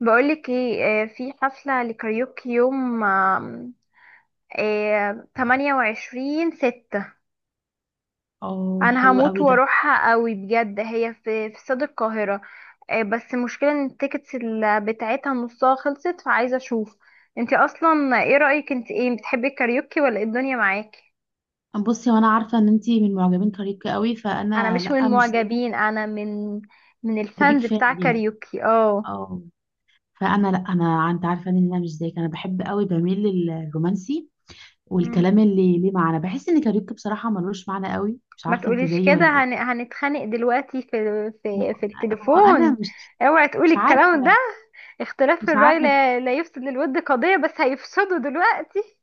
بقولك ايه، في حفلة لكاريوكي يوم، آم، آه، 28 ستة. اه، انا حلو هموت قوي ده. واروحها قوي بجد، هي في استاد القاهرة. بس المشكلة ان التيكتس بتاعتها نصها خلصت، فعايزة اشوف. انتي اصلا ايه رأيك؟ انت ايه، بتحبي الكاريوكي ولا ايه الدنيا معاكي؟ بصي، وانا عارفه ان انتي من معجبين كاريوكي قوي، انا فانا مش من لا، مش زيك. معجبين، انا من كنت بيك الفانز فان بتاع ليهم. كاريوكي. اه. اه. فانا لا، انا انت عارفه ان انا مش زيك، انا بحب قوي، بميل للرومانسي مم. والكلام اللي ليه معنى. بحس ان كاريوكي بصراحه ملوش معنى قوي، مش ما عارفه انت تقوليش زيي كده، ولا ايه؟ هنتخانق دلوقتي في ما في هو في ما هو انا التليفون. مش اوعي مش تقولي الكلام ده. عارفه اختلاف في مش الرأي عارفه لا يفسد للود قضية، بس هيفسدوا دلوقتي.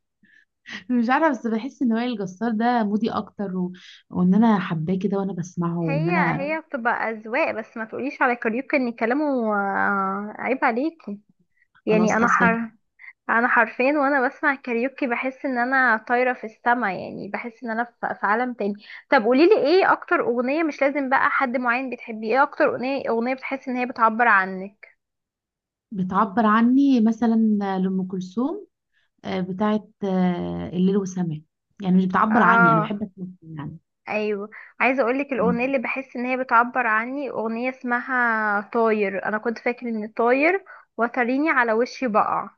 مش عارفه، بس بحس ان وائل الجسار ده مودي اكتر وان انا حباه كده وانا بسمعه وان هي انا هي بتبقى أذواق، بس ما تقوليش على كاريوكا ان كلامه عيب عليكي. يعني خلاص انا اسفه. حر. انا حرفين وانا بسمع كاريوكي بحس ان انا طايرة في السما، يعني بحس ان انا في عالم تاني. طب قوليلي ايه اكتر اغنية، مش لازم بقى حد معين بتحبيه، ايه اكتر اغنية بتحس ان هي بتعبر عنك؟ بتعبر عني مثلا، لأم كلثوم. بتاعت الليل والسماء. يعني مش بتعبر عني، انا اه. بحب اسمعها يعني. ايوه. عايزه اقولك الاغنيه مم. اللي بحس ان هي بتعبر عني، اغنيه اسمها طاير، انا كنت فاكر ان طاير وتريني على وشي بقع،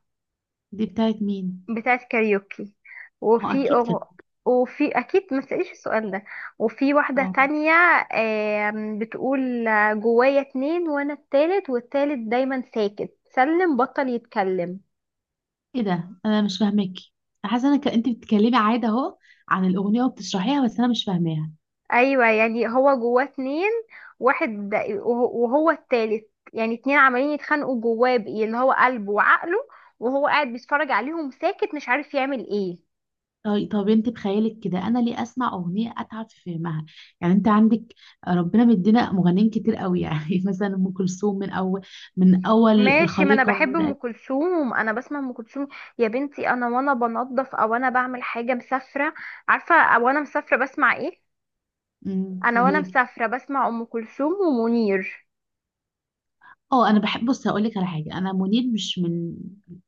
دي بتاعت مين؟ بتاعت كاريوكي. اه، وفي اكيد كده. أغ... وفي اكيد ما تسأليش السؤال ده. وفي واحده اه. تانية، بتقول جوايا اتنين وانا التالت، والتالت دايما ساكت، سلم بطل يتكلم. ايه ده؟ انا مش فاهمك. حاسه انا، انت بتتكلمي عادي اهو عن الاغنيه وبتشرحيها، بس انا مش فاهماها. ايوه يعني هو جواه اتنين، واحد وهو التالت، يعني اتنين عمالين يتخانقوا جواه، بإيه اللي هو قلبه وعقله، وهو قاعد بيتفرج عليهم ساكت مش عارف يعمل ايه. طيب، انت بخيالك كده، انا ليه اسمع اغنيه اتعب في فهمها؟ يعني انت عندك، ربنا مدينا مغنيين كتير قوي يعني مثلا ام كلثوم من اول، ماشي، ما انا الخليقه ما بحب ام بدات. كلثوم، انا بسمع ام كلثوم. يا بنتي، انا وانا بنظف، او انا بعمل حاجه مسافره، عارفه، او انا مسافره بسمع ايه. انا وانا قولي لي. مسافره بسمع ام كلثوم ومنير. اه، انا بحب. بص هقول لك على حاجه، انا منير مش من،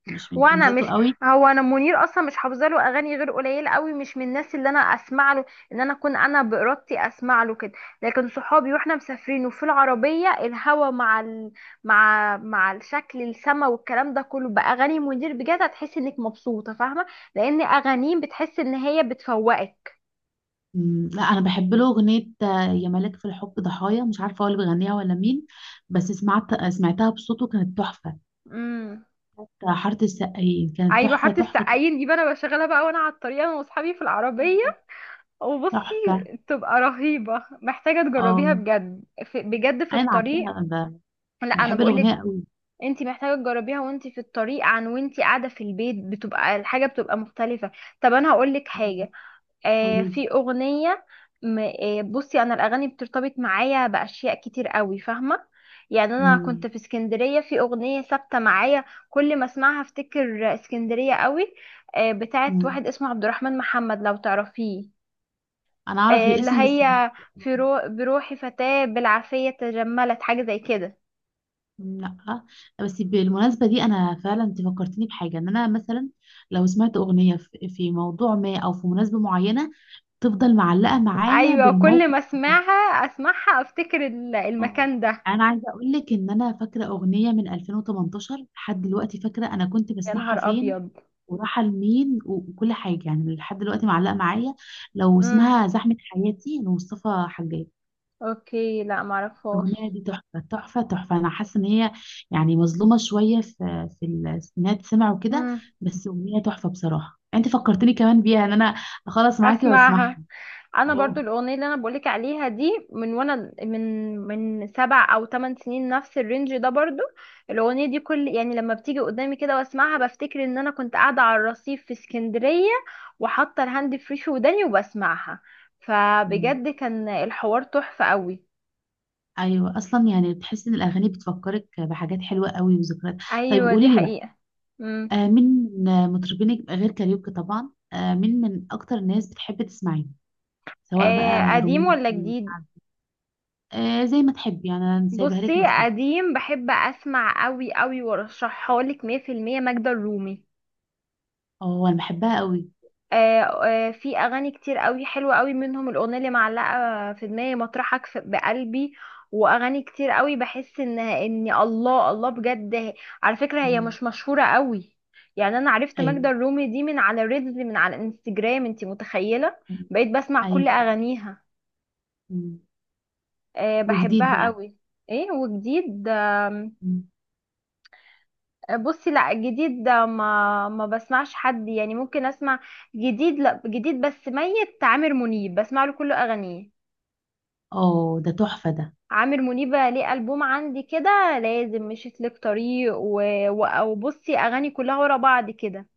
وانا فانزاته مش قوي. هو انا منير اصلا مش حافظه له اغاني غير قليله قوي، مش من الناس اللي انا اسمع له، ان انا اكون انا بارادتي اسمع له كده. لكن صحابي واحنا مسافرين، وفي العربيه الهوا مع مع الشكل، السما والكلام ده كله باغاني منير، بجد هتحس انك مبسوطه، فاهمه، لان اغانيه بتحس ان هي بتفوقك. مم، لا، انا بحب له اغنيه يا ملاك في الحب ضحايا، مش عارفه هو اللي بيغنيها ولا مين. بس سمعت، سمعتها بصوته كانت تحفه. امم. بتاع حاره السقايين كانت ايوه تحفه، حاره تحفه، السقايين دي بقى انا بشغلها بقى وانا على الطريق، انا واصحابي في العربيه. وبصي تحفه. تبقى رهيبه، محتاجه تجربيها اه، بجد، بجد في انا الطريق. عارفاها. انا لا انا بحب الاغنيه بقولك، قوي. انت محتاجه تجربيها وانت في الطريق، وانت قاعده في البيت بتبقى الحاجه بتبقى مختلفه. طب انا هقولك أيوة، حاجه. قولي لي. في اغنيه. بصي، انا الاغاني بترتبط معايا باشياء كتير قوي، فاهمه؟ يعني انا مم، كنت في اسكندريه، في اغنيه ثابته معايا، كل ما اسمعها افتكر اسكندريه قوي. بتاعت مم. واحد اسمه عبد الرحمن محمد، لو تعرفيه. انا اعرف اللي الاسم بس. مش، هي بروحي فتاة بالعافية تجملت، حاجة زي كده. لا. بس بالمناسبة دي، أنا فعلا، أنت فكرتني بحاجة، إن أنا مثلا لو سمعت أغنية في موضوع ما، أو في مناسبة معينة، تفضل معلقة معايا ايوه كل بالموقف ما اللي حصل. اسمعها افتكر اه، المكان ده. أنا عايزة أقول لك إن أنا فاكرة أغنية من 2018، لحد دلوقتي فاكرة أنا كنت يا بسمعها نهار فين، ابيض. وراحة لمين، وكل حاجة، يعني لحد دلوقتي معلقة معايا. لو امم. اسمها زحمة حياتي لمصطفى حجاج. اوكي، لا الأغنية معرفهاش. دي تحفة، تحفة، تحفة. أنا حاسة إن هي يعني مظلومة شوية، في في إنها تسمع وكده. امم بس أغنية تحفة بصراحة. أنت فكرتني كمان بيها إن أنا أخلص معاكي وأسمعها. اسمعها. انا برضو اه. الاغنيه اللي انا بقولك عليها دي من وانا من سبع او ثمان سنين، نفس الرينج ده برضو. الاغنيه دي كل، يعني لما بتيجي قدامي كده واسمعها، بفتكر ان انا كنت قاعده على الرصيف في اسكندريه، وحاطه الهاند فري في وداني وبسمعها، مم. فبجد كان الحوار تحفه قوي. أيوة، أصلا يعني بتحس إن الأغاني بتفكرك بحاجات حلوة قوي وذكريات. طيب ايوه دي قولي لي بقى. حقيقه. مم. مين من مطربينك غير كاريوكي طبعا؟ مين من أكتر الناس بتحب تسمعيه، سواء بقى قديم ولا رومانسي، جديد؟ شعبي؟ زي ما تحبي يعني، أنا سايبها لك بصي، مفتوحة. قديم بحب اسمع قوي قوي، وارشحها لك 100% ماجدة الرومي. أه، أنا بحبها قوي. في اغاني كتير قوي حلوه قوي منهم الاغنيه اللي معلقه في دماغي، مطرحك بقلبي. واغاني كتير قوي بحس ان الله الله، بجد على فكره هي مم. مش مشهوره قوي. يعني انا عرفت ماجدة أيوة. الرومي دي من على ريلز، من على انستجرام، انتي متخيله؟ بقيت بسمع كل ايوه، ايوه. اغانيها. مم. وجديد بحبها بقى؟ قوي. ايه وجديد؟ مم. بصي لا، جديد ده ما بسمعش حد، يعني ممكن اسمع جديد. لا جديد بس ميت عامر منيب بسمع له كل اغانيه. اه، ده تحفه ده. عامر منيب ليه البوم عندي كده لازم مشيت لك طريق، وبصي اغاني كلها ورا بعض كده،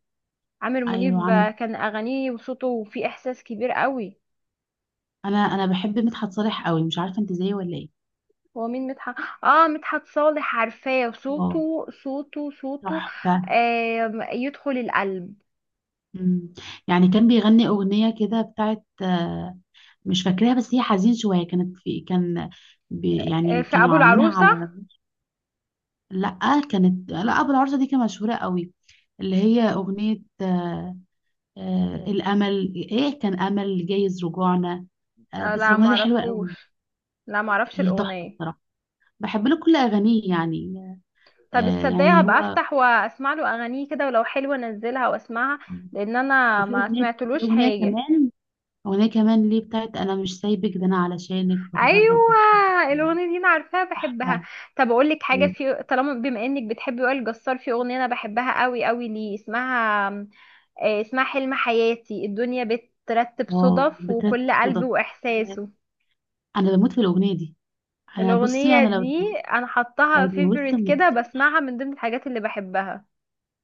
عامر ايوه، منيب. عم. كان اغانيه وصوته فيه احساس كبير قوي. انا بحب مدحت صالح قوي، مش عارفه انت زيي ولا ايه؟ هو مين مدحت؟ اه مدحت صالح، عارفاه، اه، صوته صوته صوته، تحفه. آه يدخل القلب. مم. يعني كان بيغني اغنيه كده بتاعت، مش فاكراها، بس هي حزين شويه، كانت في، كان، يعني في كانوا ابو عاملينها العروسه؟ على. لا، كانت، لا، ابو العروسه دي كانت مشهوره قوي. اللي هي اغنيه الامل، ايه كان؟ امل جايز رجوعنا. بس لا الاغنيه دي حلوه قوي. معرفوش، لا معرفش هي تحفه الاغنيه. بصراحه. بحب له كل اغانيه يعني. طب الصدقي يعني هبقى هو. افتح واسمع له اغانيه كده، ولو حلوه انزلها واسمعها، لان انا وفي ما اغنيه، في سمعتلوش اغنيه حاجه. كمان، اغنيه كمان ليه بتاعت انا مش سايبك، ده انا علشانك بتغرب واتحب. ايوه الاغنيه دي انا عارفاها، بحبها. تحفه. طب اقول لك حاجه، حبيبي. في طالما بما انك بتحبي وائل جسار، في اغنيه انا بحبها قوي قوي ليه، اسمها اسمها حلم حياتي، الدنيا بترتب اه، صدف بترتب وكل قلب صدف. آه، واحساسه. انا بموت في الاغنيه دي. انا بصي الاغنيه انا لو دي اتجوزت، انا حطاها فيفوريت من كده، الصبح، بسمعها من ضمن الحاجات اللي بحبها.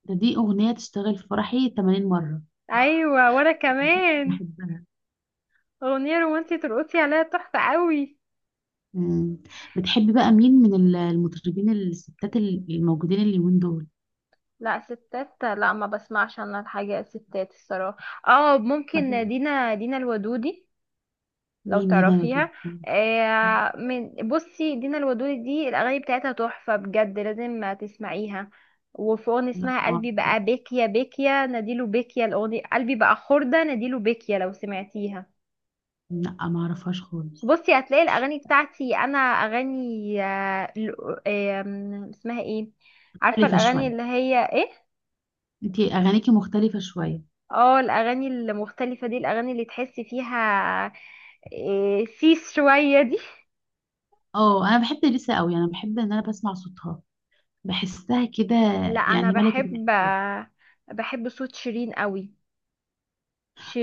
دي اغنيه تشتغل في فرحي 80 مره. ايوه وانا كمان. بحبها. أغنية رومانسية ترقصي عليها تحفة قوي. مم. بتحبي بقى مين من المطربين الستات الموجودين اليومين دول؟ لا ستات لا، ما بسمعش انا الحاجة ستات الصراحة. اه ممكن، مثلا. دينا الودودي، لو مين دينا ودود؟ تعرفيها. آه، من بصي، دينا الودودي دي الأغاني بتاعتها تحفة بجد، لازم تسمعيها. وفي أغنية لا، اسمها ما قلبي بقى اعرفهاش. بيكيا بيكيا نديله بيكيا، الأغنية قلبي بقى خردة نديله بيكيا، لو سمعتيها. لا، ما اعرفهاش خالص. بصي هتلاقي الاغاني بتاعتي انا اغاني آه، ل- آم، اسمها ايه، عارفه مختلفة الاغاني شوية. اللي هي ايه، انتي اغانيكي مختلفة شوية. اه الاغاني المختلفه دي، الاغاني اللي تحسي فيها إيه، سيس شويه دي. اه، انا بحب اليسا قوي، انا بحب ان انا بسمع صوتها، بحسها كده. لا انا يعني ملكة بحب، بحب صوت شيرين قوي.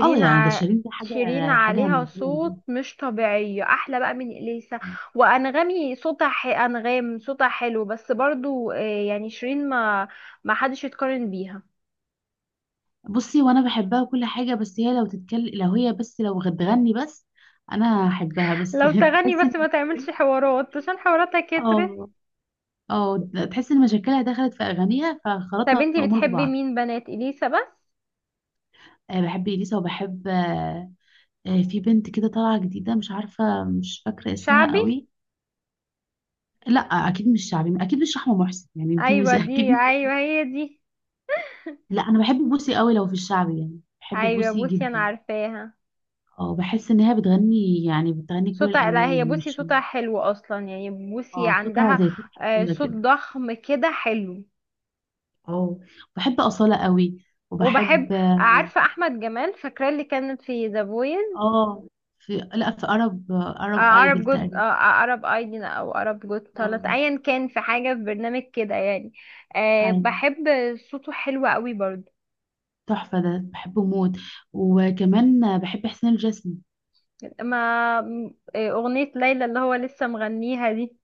اه، يعني ده ع... شيرين، ده حاجة. شيرين حاجة عليها من كل دي. صوت مش طبيعي احلى بقى من اليسا. انغام صوتها حلو بس برضو، يعني شيرين ما حدش يتقارن بيها. بصي، وانا بحبها وكل حاجة، بس هي لو تتكلم، لو هي بس، لو بتغني بس، انا هحبها بس لو تغني تحس ان، بس، ما تعملش حوارات، عشان حواراتها كترت. اه، اه. تحس ان مشاكلها دخلت في اغانيها طب فخلطنا انتي الامور بتحبي ببعض. مين بنات اليسا بس؟ أه، بحب اليسا وبحب. في بنت كده طالعة جديدة، مش عارفة، مش فاكرة اسمها شعبي؟ قوي. لا، أكيد مش شعبي، أكيد مش رحمة محسن يعني، أنت مش ايوه دي، أكيد. ايوه هي دي. لا، أنا بحب بوسي قوي، لو في الشعبي يعني بحب ايوه بوسي بوسي انا جدا. عارفاها، اه، بحس إن هي بتغني، يعني بتغني كل صوتها، لا هي الألوان بوسي مش. صوتها حلو اصلا، يعني بوسي اه، صوتها عندها زي فتحة سودا صوت كده. ضخم كده حلو. اه، بحب أصالة قوي وبحب، وبحب. اه عارفه احمد جمال فاكره، اللي كانت في ذا فويس، آه، في، لا، في أرب عرب أيدل جود، تقريبا. عرب ايدين، او عرب جود، طلعت اه. ايا كان، في حاجه، في برنامج كده يعني. أيوة. بحب صوته حلو قوي برضه. تحفة ده، بحبه موت. وكمان بحب حسين الجسمي. ما م- إيه، أغنية ليلى اللي هو لسه مغنيها دي.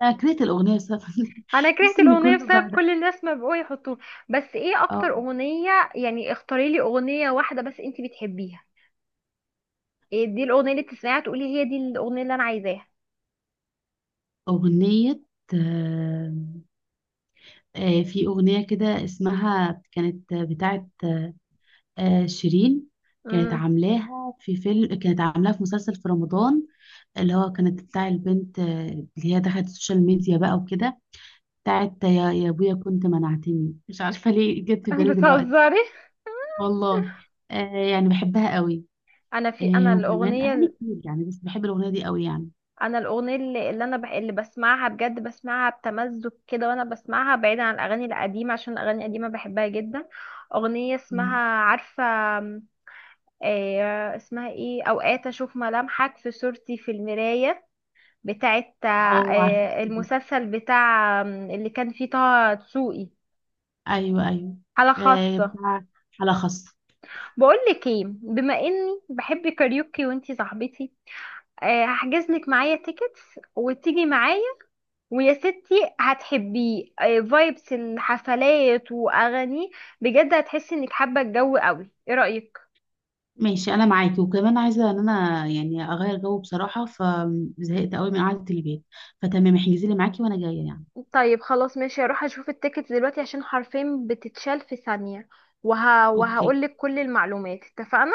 كانت الأغنية بسبب أنا تحس كرهت إن الأغنية كله بسبب بعد. كل الناس ما بقوا يحطوها. بس إيه أكتر اه، أغنية، يعني اختاري لي أغنية واحدة بس أنتي بتحبيها، إيه دي الأغنية اللي بتسمعيها تقولي هي دي الأغنية اللي أنا عايزاها؟ أغنية. آه، في أغنية كده اسمها، كانت بتاعت شيرين. كانت امم. عاملاها في فيلم، كانت عاملاها في مسلسل في رمضان. اللي هو كانت بتاع البنت، اللي هي دخلت السوشيال ميديا بقى وكده. بتاعت يا أبويا كنت منعتني. مش عارفة ليه جت في بالي دلوقتي. بتهزري. والله. آه، يعني بحبها قوي. أنا في أنا وكمان أغاني الأغنية كتير يعني، بس بحب الأغنية دي قوي يعني. أنا الأغنية اللي اللي بسمعها بجد، بسمعها بتمزج كده وأنا بسمعها، بعيدا عن الأغاني القديمة عشان الأغاني القديمة بحبها جدا. أغنية اسمها، مم. عارفة اسمها ايه، اوقات اشوف ملامحك في صورتي في المراية، بتاعت اه، عارفة. المسلسل بتاع اللي كان فيه طه دسوقي، ايوه، ايوه. حالة خاصة. بتاع على خاص. بقول لك ايه، بما اني بحب كاريوكي وانتي صاحبتي، هحجز لك معايا تيكتس وتيجي معايا، ويا ستي هتحبيه، فايبس الحفلات واغاني، بجد هتحسي انك حابة الجو قوي، ايه رأيك؟ ماشي، انا معاكي. وكمان عايزه ان انا يعني اغير جو بصراحه، فزهقت قوي من قعده البيت. فتمام، احجزي لي معاكي وانا جايه يعني. طيب خلاص ماشي، هروح اشوف التيكت دلوقتي عشان حرفين بتتشال في ثانية، اوكي، وهقولك كل المعلومات، اتفقنا؟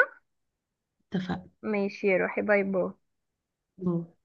اتفقنا. ماشي روحي، باي باي. باي.